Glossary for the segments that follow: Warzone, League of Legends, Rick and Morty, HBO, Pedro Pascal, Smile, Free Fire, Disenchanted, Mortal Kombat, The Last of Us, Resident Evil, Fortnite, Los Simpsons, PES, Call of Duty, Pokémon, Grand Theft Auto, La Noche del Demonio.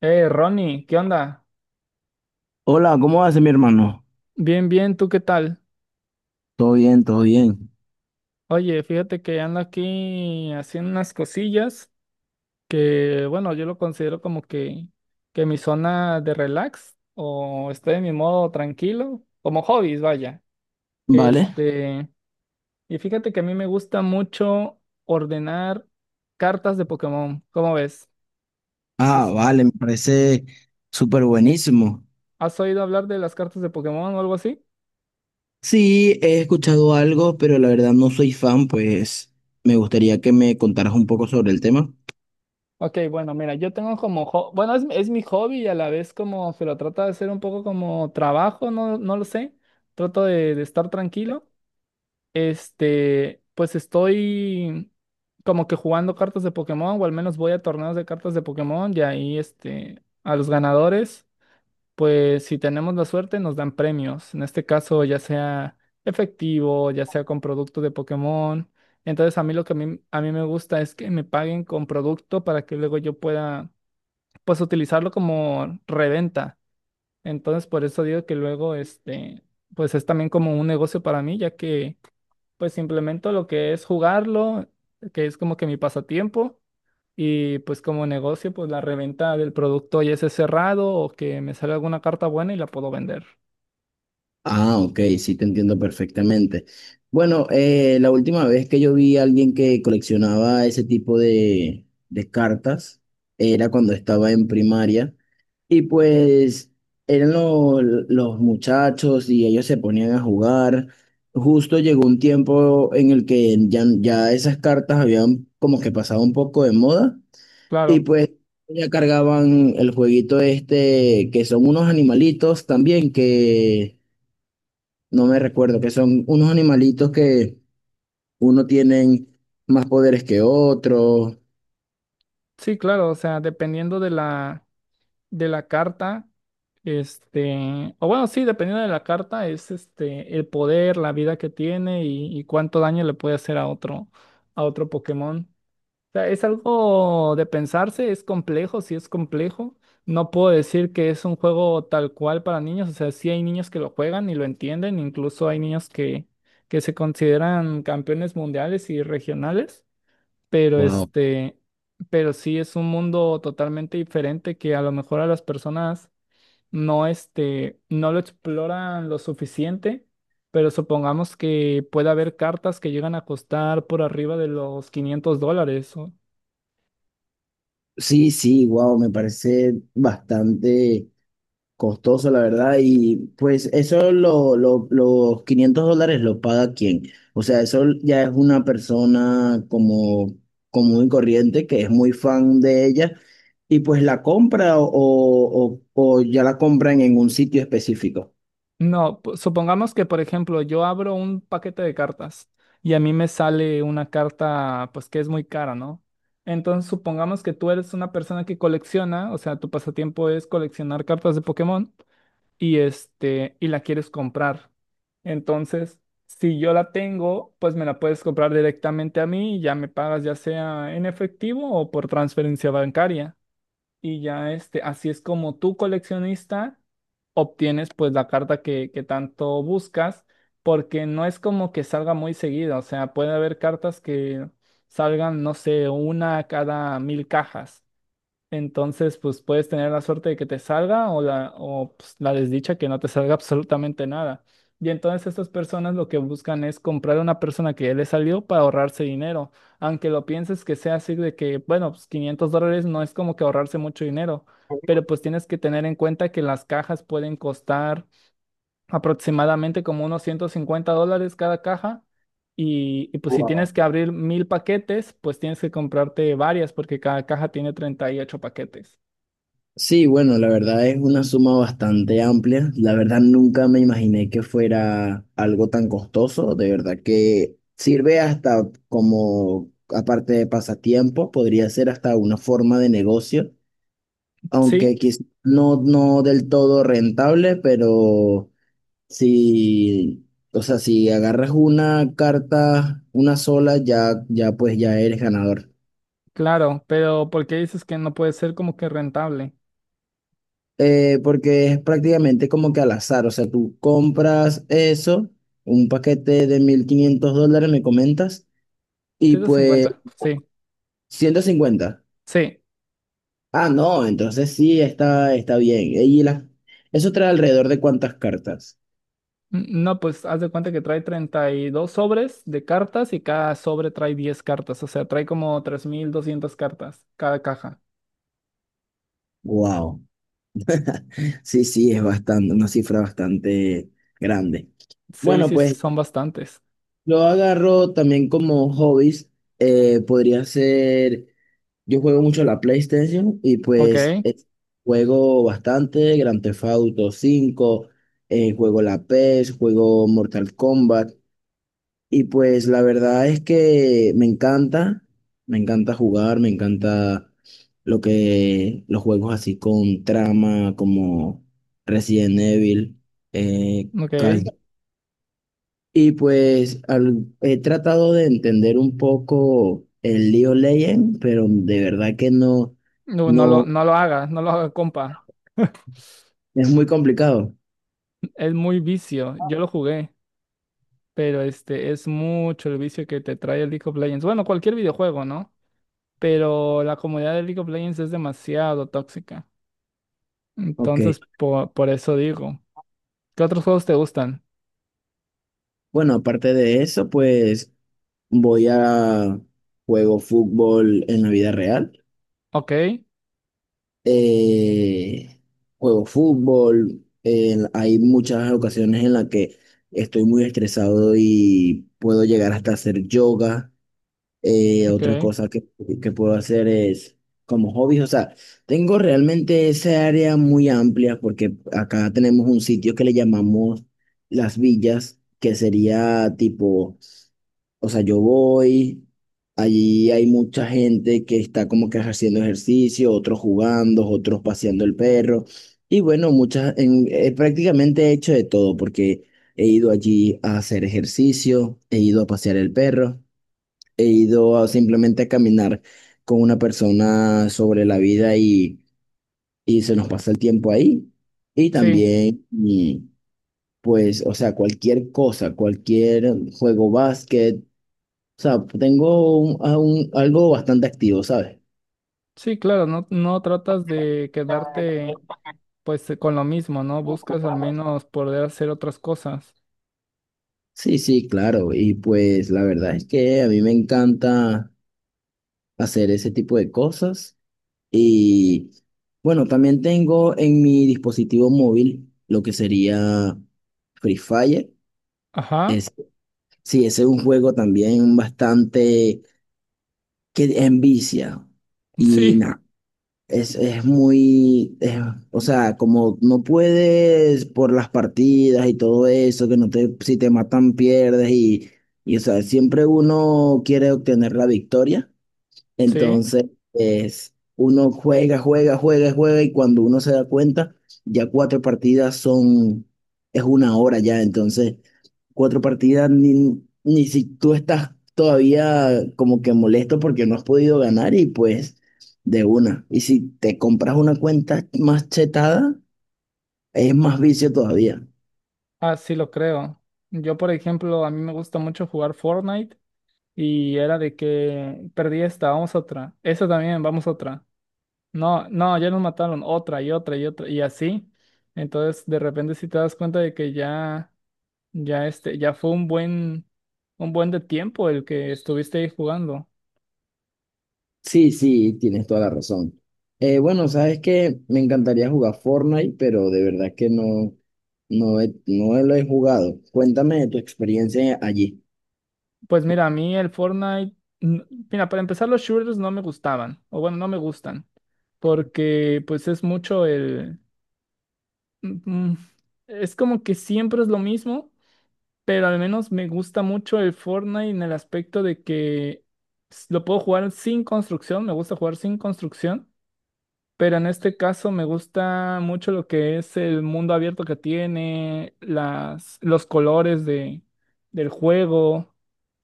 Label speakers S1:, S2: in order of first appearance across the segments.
S1: Ronnie, ¿qué onda?
S2: Hola, ¿cómo vas, mi hermano?
S1: Bien, bien, ¿tú qué tal?
S2: Todo bien, todo bien.
S1: Oye, fíjate que ando aquí haciendo unas cosillas que, bueno, yo lo considero como que mi zona de relax o estoy en mi modo tranquilo, como hobbies, vaya.
S2: Vale.
S1: Este, y fíjate que a mí me gusta mucho ordenar cartas de Pokémon, ¿cómo ves?
S2: Ah,
S1: ¿Has,
S2: vale, me parece súper buenísimo.
S1: ¿Has oído hablar de las cartas de Pokémon o algo así?
S2: Sí, he escuchado algo, pero la verdad no soy fan, pues me gustaría que me contaras un poco sobre el tema.
S1: Ok, bueno, mira, yo tengo como, bueno, es mi hobby y a la vez como que lo trato de hacer un poco como trabajo, no, no lo sé, trato de estar tranquilo. Este, pues estoy como que jugando cartas de Pokémon o al menos voy a torneos de cartas de Pokémon y ahí este, a los ganadores pues si tenemos la suerte nos dan premios, en este caso ya sea efectivo, ya sea con producto de Pokémon. Entonces a mí lo que a mí me gusta es que me paguen con producto para que luego yo pueda pues utilizarlo como reventa. Entonces por eso digo que luego este pues es también como un negocio para mí, ya que pues implemento lo que es jugarlo, que es como que mi pasatiempo. Y pues como negocio, pues la reventa del producto ya esté cerrado o que me sale alguna carta buena y la puedo vender.
S2: Ah, ok, sí, te entiendo perfectamente. Bueno, la última vez que yo vi a alguien que coleccionaba ese tipo de cartas era cuando estaba en primaria. Y pues eran los muchachos y ellos se ponían a jugar. Justo llegó un tiempo en el que ya esas cartas habían como que pasado un poco de moda, y
S1: Claro,
S2: pues ya cargaban el jueguito este que son unos animalitos también que no me recuerdo, que son unos animalitos que uno tienen más poderes que otro.
S1: sí, claro, o sea, dependiendo de de la carta, este, o bueno, sí, dependiendo de la carta es este, el poder, la vida que tiene y cuánto daño le puede hacer a otro Pokémon. Sea, es algo de pensarse, es complejo, sí es complejo. No puedo decir que es un juego tal cual para niños, o sea, sí hay niños que lo juegan y lo entienden, incluso hay niños que se consideran campeones mundiales y regionales, pero
S2: Wow.
S1: este, pero sí es un mundo totalmente diferente que a lo mejor a las personas no, este, no lo exploran lo suficiente. Pero supongamos que puede haber cartas que llegan a costar por arriba de los 500 dólares.
S2: Sí, sí, wow, me parece bastante costoso, la verdad. Y pues eso, los $500, ¿lo paga quién? O sea, eso ya es una persona como común y corriente que es muy fan de ella, y pues la compra, o ya la compran en un sitio específico.
S1: No, supongamos que, por ejemplo, yo abro un paquete de cartas y a mí me sale una carta, pues que es muy cara, ¿no? Entonces, supongamos que tú eres una persona que colecciona, o sea, tu pasatiempo es coleccionar cartas de Pokémon y este, y la quieres comprar. Entonces, si yo la tengo, pues me la puedes comprar directamente a mí y ya me pagas ya sea en efectivo o por transferencia bancaria y ya este, así es como tú coleccionista obtienes pues la carta que tanto buscas, porque no es como que salga muy seguido, o sea, puede haber cartas que salgan, no sé, una cada 1000 cajas. Entonces, pues puedes tener la suerte de que te salga o la, o, pues, la desdicha que no te salga absolutamente nada. Y entonces estas personas lo que buscan es comprar a una persona que ya le salió para ahorrarse dinero. Aunque lo pienses que sea así de que, bueno, pues 500 dólares no es como que ahorrarse mucho dinero, pero pues tienes que tener en cuenta que las cajas pueden costar aproximadamente como unos 150 dólares cada caja. Y pues si tienes que abrir 1000 paquetes, pues tienes que comprarte varias porque cada caja tiene 38 paquetes.
S2: Sí, bueno, la verdad es una suma bastante amplia. La verdad nunca me imaginé que fuera algo tan costoso. De verdad que sirve hasta como, aparte de pasatiempo, podría ser hasta una forma de negocio,
S1: Sí,
S2: aunque quizás no, no del todo rentable, pero si, o sea, si agarras una carta, una sola, ya pues ya eres ganador.
S1: claro, pero ¿por qué dices que no puede ser como que rentable?
S2: Porque es prácticamente como que al azar, o sea, tú compras eso, un paquete de $1,500, me comentas, y pues
S1: 350, sí,
S2: 150.
S1: sí.
S2: Ah, no, entonces sí, está bien. Y, ¿eso trae alrededor de cuántas cartas?
S1: No, pues haz de cuenta que trae 32 sobres de cartas y cada sobre trae 10 cartas, o sea, trae como 3.200 cartas cada caja.
S2: Wow. Sí, sí, es bastante, una cifra bastante grande.
S1: Sí,
S2: Bueno,
S1: sí,
S2: pues
S1: son bastantes.
S2: yo agarro también como hobbies, podría ser. Yo juego mucho la PlayStation, y
S1: Ok,
S2: pues juego bastante Grand Theft Auto 5, juego la PES, juego Mortal Kombat, y pues la verdad es que me encanta jugar, me encanta lo que los juegos así con trama como Resident Evil, eh, Call
S1: ok.
S2: of, y pues he tratado de entender un poco el League of Legends, pero de verdad que no,
S1: No,
S2: no,
S1: no lo haga, no lo haga, compa.
S2: es muy complicado.
S1: Es muy vicio, yo lo jugué, pero este es mucho el vicio que te trae el League of Legends. Bueno, cualquier videojuego, ¿no? Pero la comunidad de League of Legends es demasiado tóxica.
S2: Ok.
S1: Entonces, eso digo, ¿qué otros juegos te gustan?
S2: Bueno, aparte de eso, pues voy a juego fútbol en la vida real.
S1: Ok,
S2: Eh, juego fútbol. Hay muchas ocasiones en las que estoy muy estresado y puedo llegar hasta hacer yoga. Eh,
S1: ok,
S2: otra cosa que puedo hacer es como hobbies, o sea, tengo realmente esa área muy amplia, porque acá tenemos un sitio que le llamamos Las Villas, que sería tipo, o sea, yo voy, allí hay mucha gente que está como que haciendo ejercicio, otros jugando, otros paseando el perro, y bueno, muchas, prácticamente he hecho de todo porque he ido allí a hacer ejercicio, he ido a pasear el perro. He ido a simplemente a caminar con una persona sobre la vida, y se nos pasa el tiempo ahí. Y
S1: sí,
S2: también, y, pues, o sea, cualquier cosa, cualquier juego, básquet, o sea, tengo algo bastante activo, ¿sabes?
S1: sí, claro, no, no tratas de quedarte pues con lo mismo, ¿no? Buscas al menos poder hacer otras cosas.
S2: Sí, sí, claro. Y pues la verdad es que a mí me encanta hacer ese tipo de cosas. Y bueno, también tengo en mi dispositivo móvil lo que sería Free Fire.
S1: Ajá,
S2: Sí, ese es un juego también bastante que envicia. Y
S1: sí,
S2: nada, es, es muy, es- o sea, como no puedes por las partidas y todo eso, que no te, si te matan pierdes, y o sea, siempre uno quiere obtener la victoria.
S1: sí,
S2: Entonces, uno juega, juega, juega, juega, y cuando uno se da cuenta, ya cuatro partidas son, es una hora ya, entonces cuatro partidas, ni si tú estás todavía como que molesto porque no has podido ganar, y pues de una. Y si te compras una cuenta más chetada, es más vicio todavía.
S1: así lo creo. Yo, por ejemplo, a mí me gusta mucho jugar Fortnite y era de que perdí esta, vamos a otra, esta también, vamos a otra. No, no, ya nos mataron otra y otra y otra y así. Entonces, de repente si te das cuenta de que ya, ya este, ya fue un buen de tiempo el que estuviste ahí jugando.
S2: Sí, sí, tienes toda la razón. Bueno, sabes que me encantaría jugar Fortnite, pero de verdad que no, no, no lo he jugado. Cuéntame de tu experiencia allí.
S1: Pues mira, a mí el Fortnite, n- mira, para empezar los shooters no me gustaban, o bueno, no me gustan, porque pues es mucho el, mm, mm, es como que siempre es lo mismo, pero al menos me gusta mucho el Fortnite en el aspecto de que lo puedo jugar sin construcción, me gusta jugar sin construcción. Pero en este caso me gusta mucho lo que es el mundo abierto que tiene, los colores de, del juego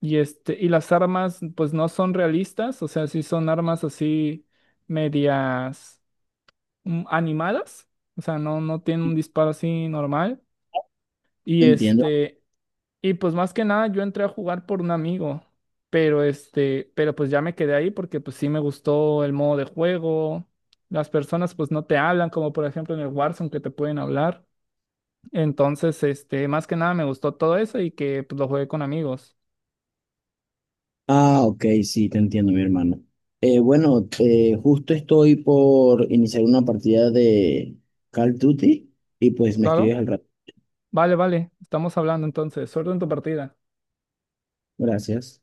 S1: y, este, y las armas pues no son realistas, o sea, sí son armas así medias animadas, o sea, no, no tienen un disparo así normal. Y
S2: Entiendo.
S1: este, y pues más que nada yo entré a jugar por un amigo, pero este, pero pues ya me quedé ahí porque pues sí me gustó el modo de juego. Las personas pues no te hablan, como por ejemplo en el Warzone que te pueden hablar. Entonces, este, más que nada me gustó todo eso y que pues lo jugué con amigos.
S2: Ah, ok, sí, te entiendo, mi hermano. Bueno, justo estoy por iniciar una partida de Call of Duty, y pues me
S1: Claro.
S2: escribes al rato.
S1: Vale, vale. Estamos hablando entonces. Suerte en tu partida.
S2: Gracias.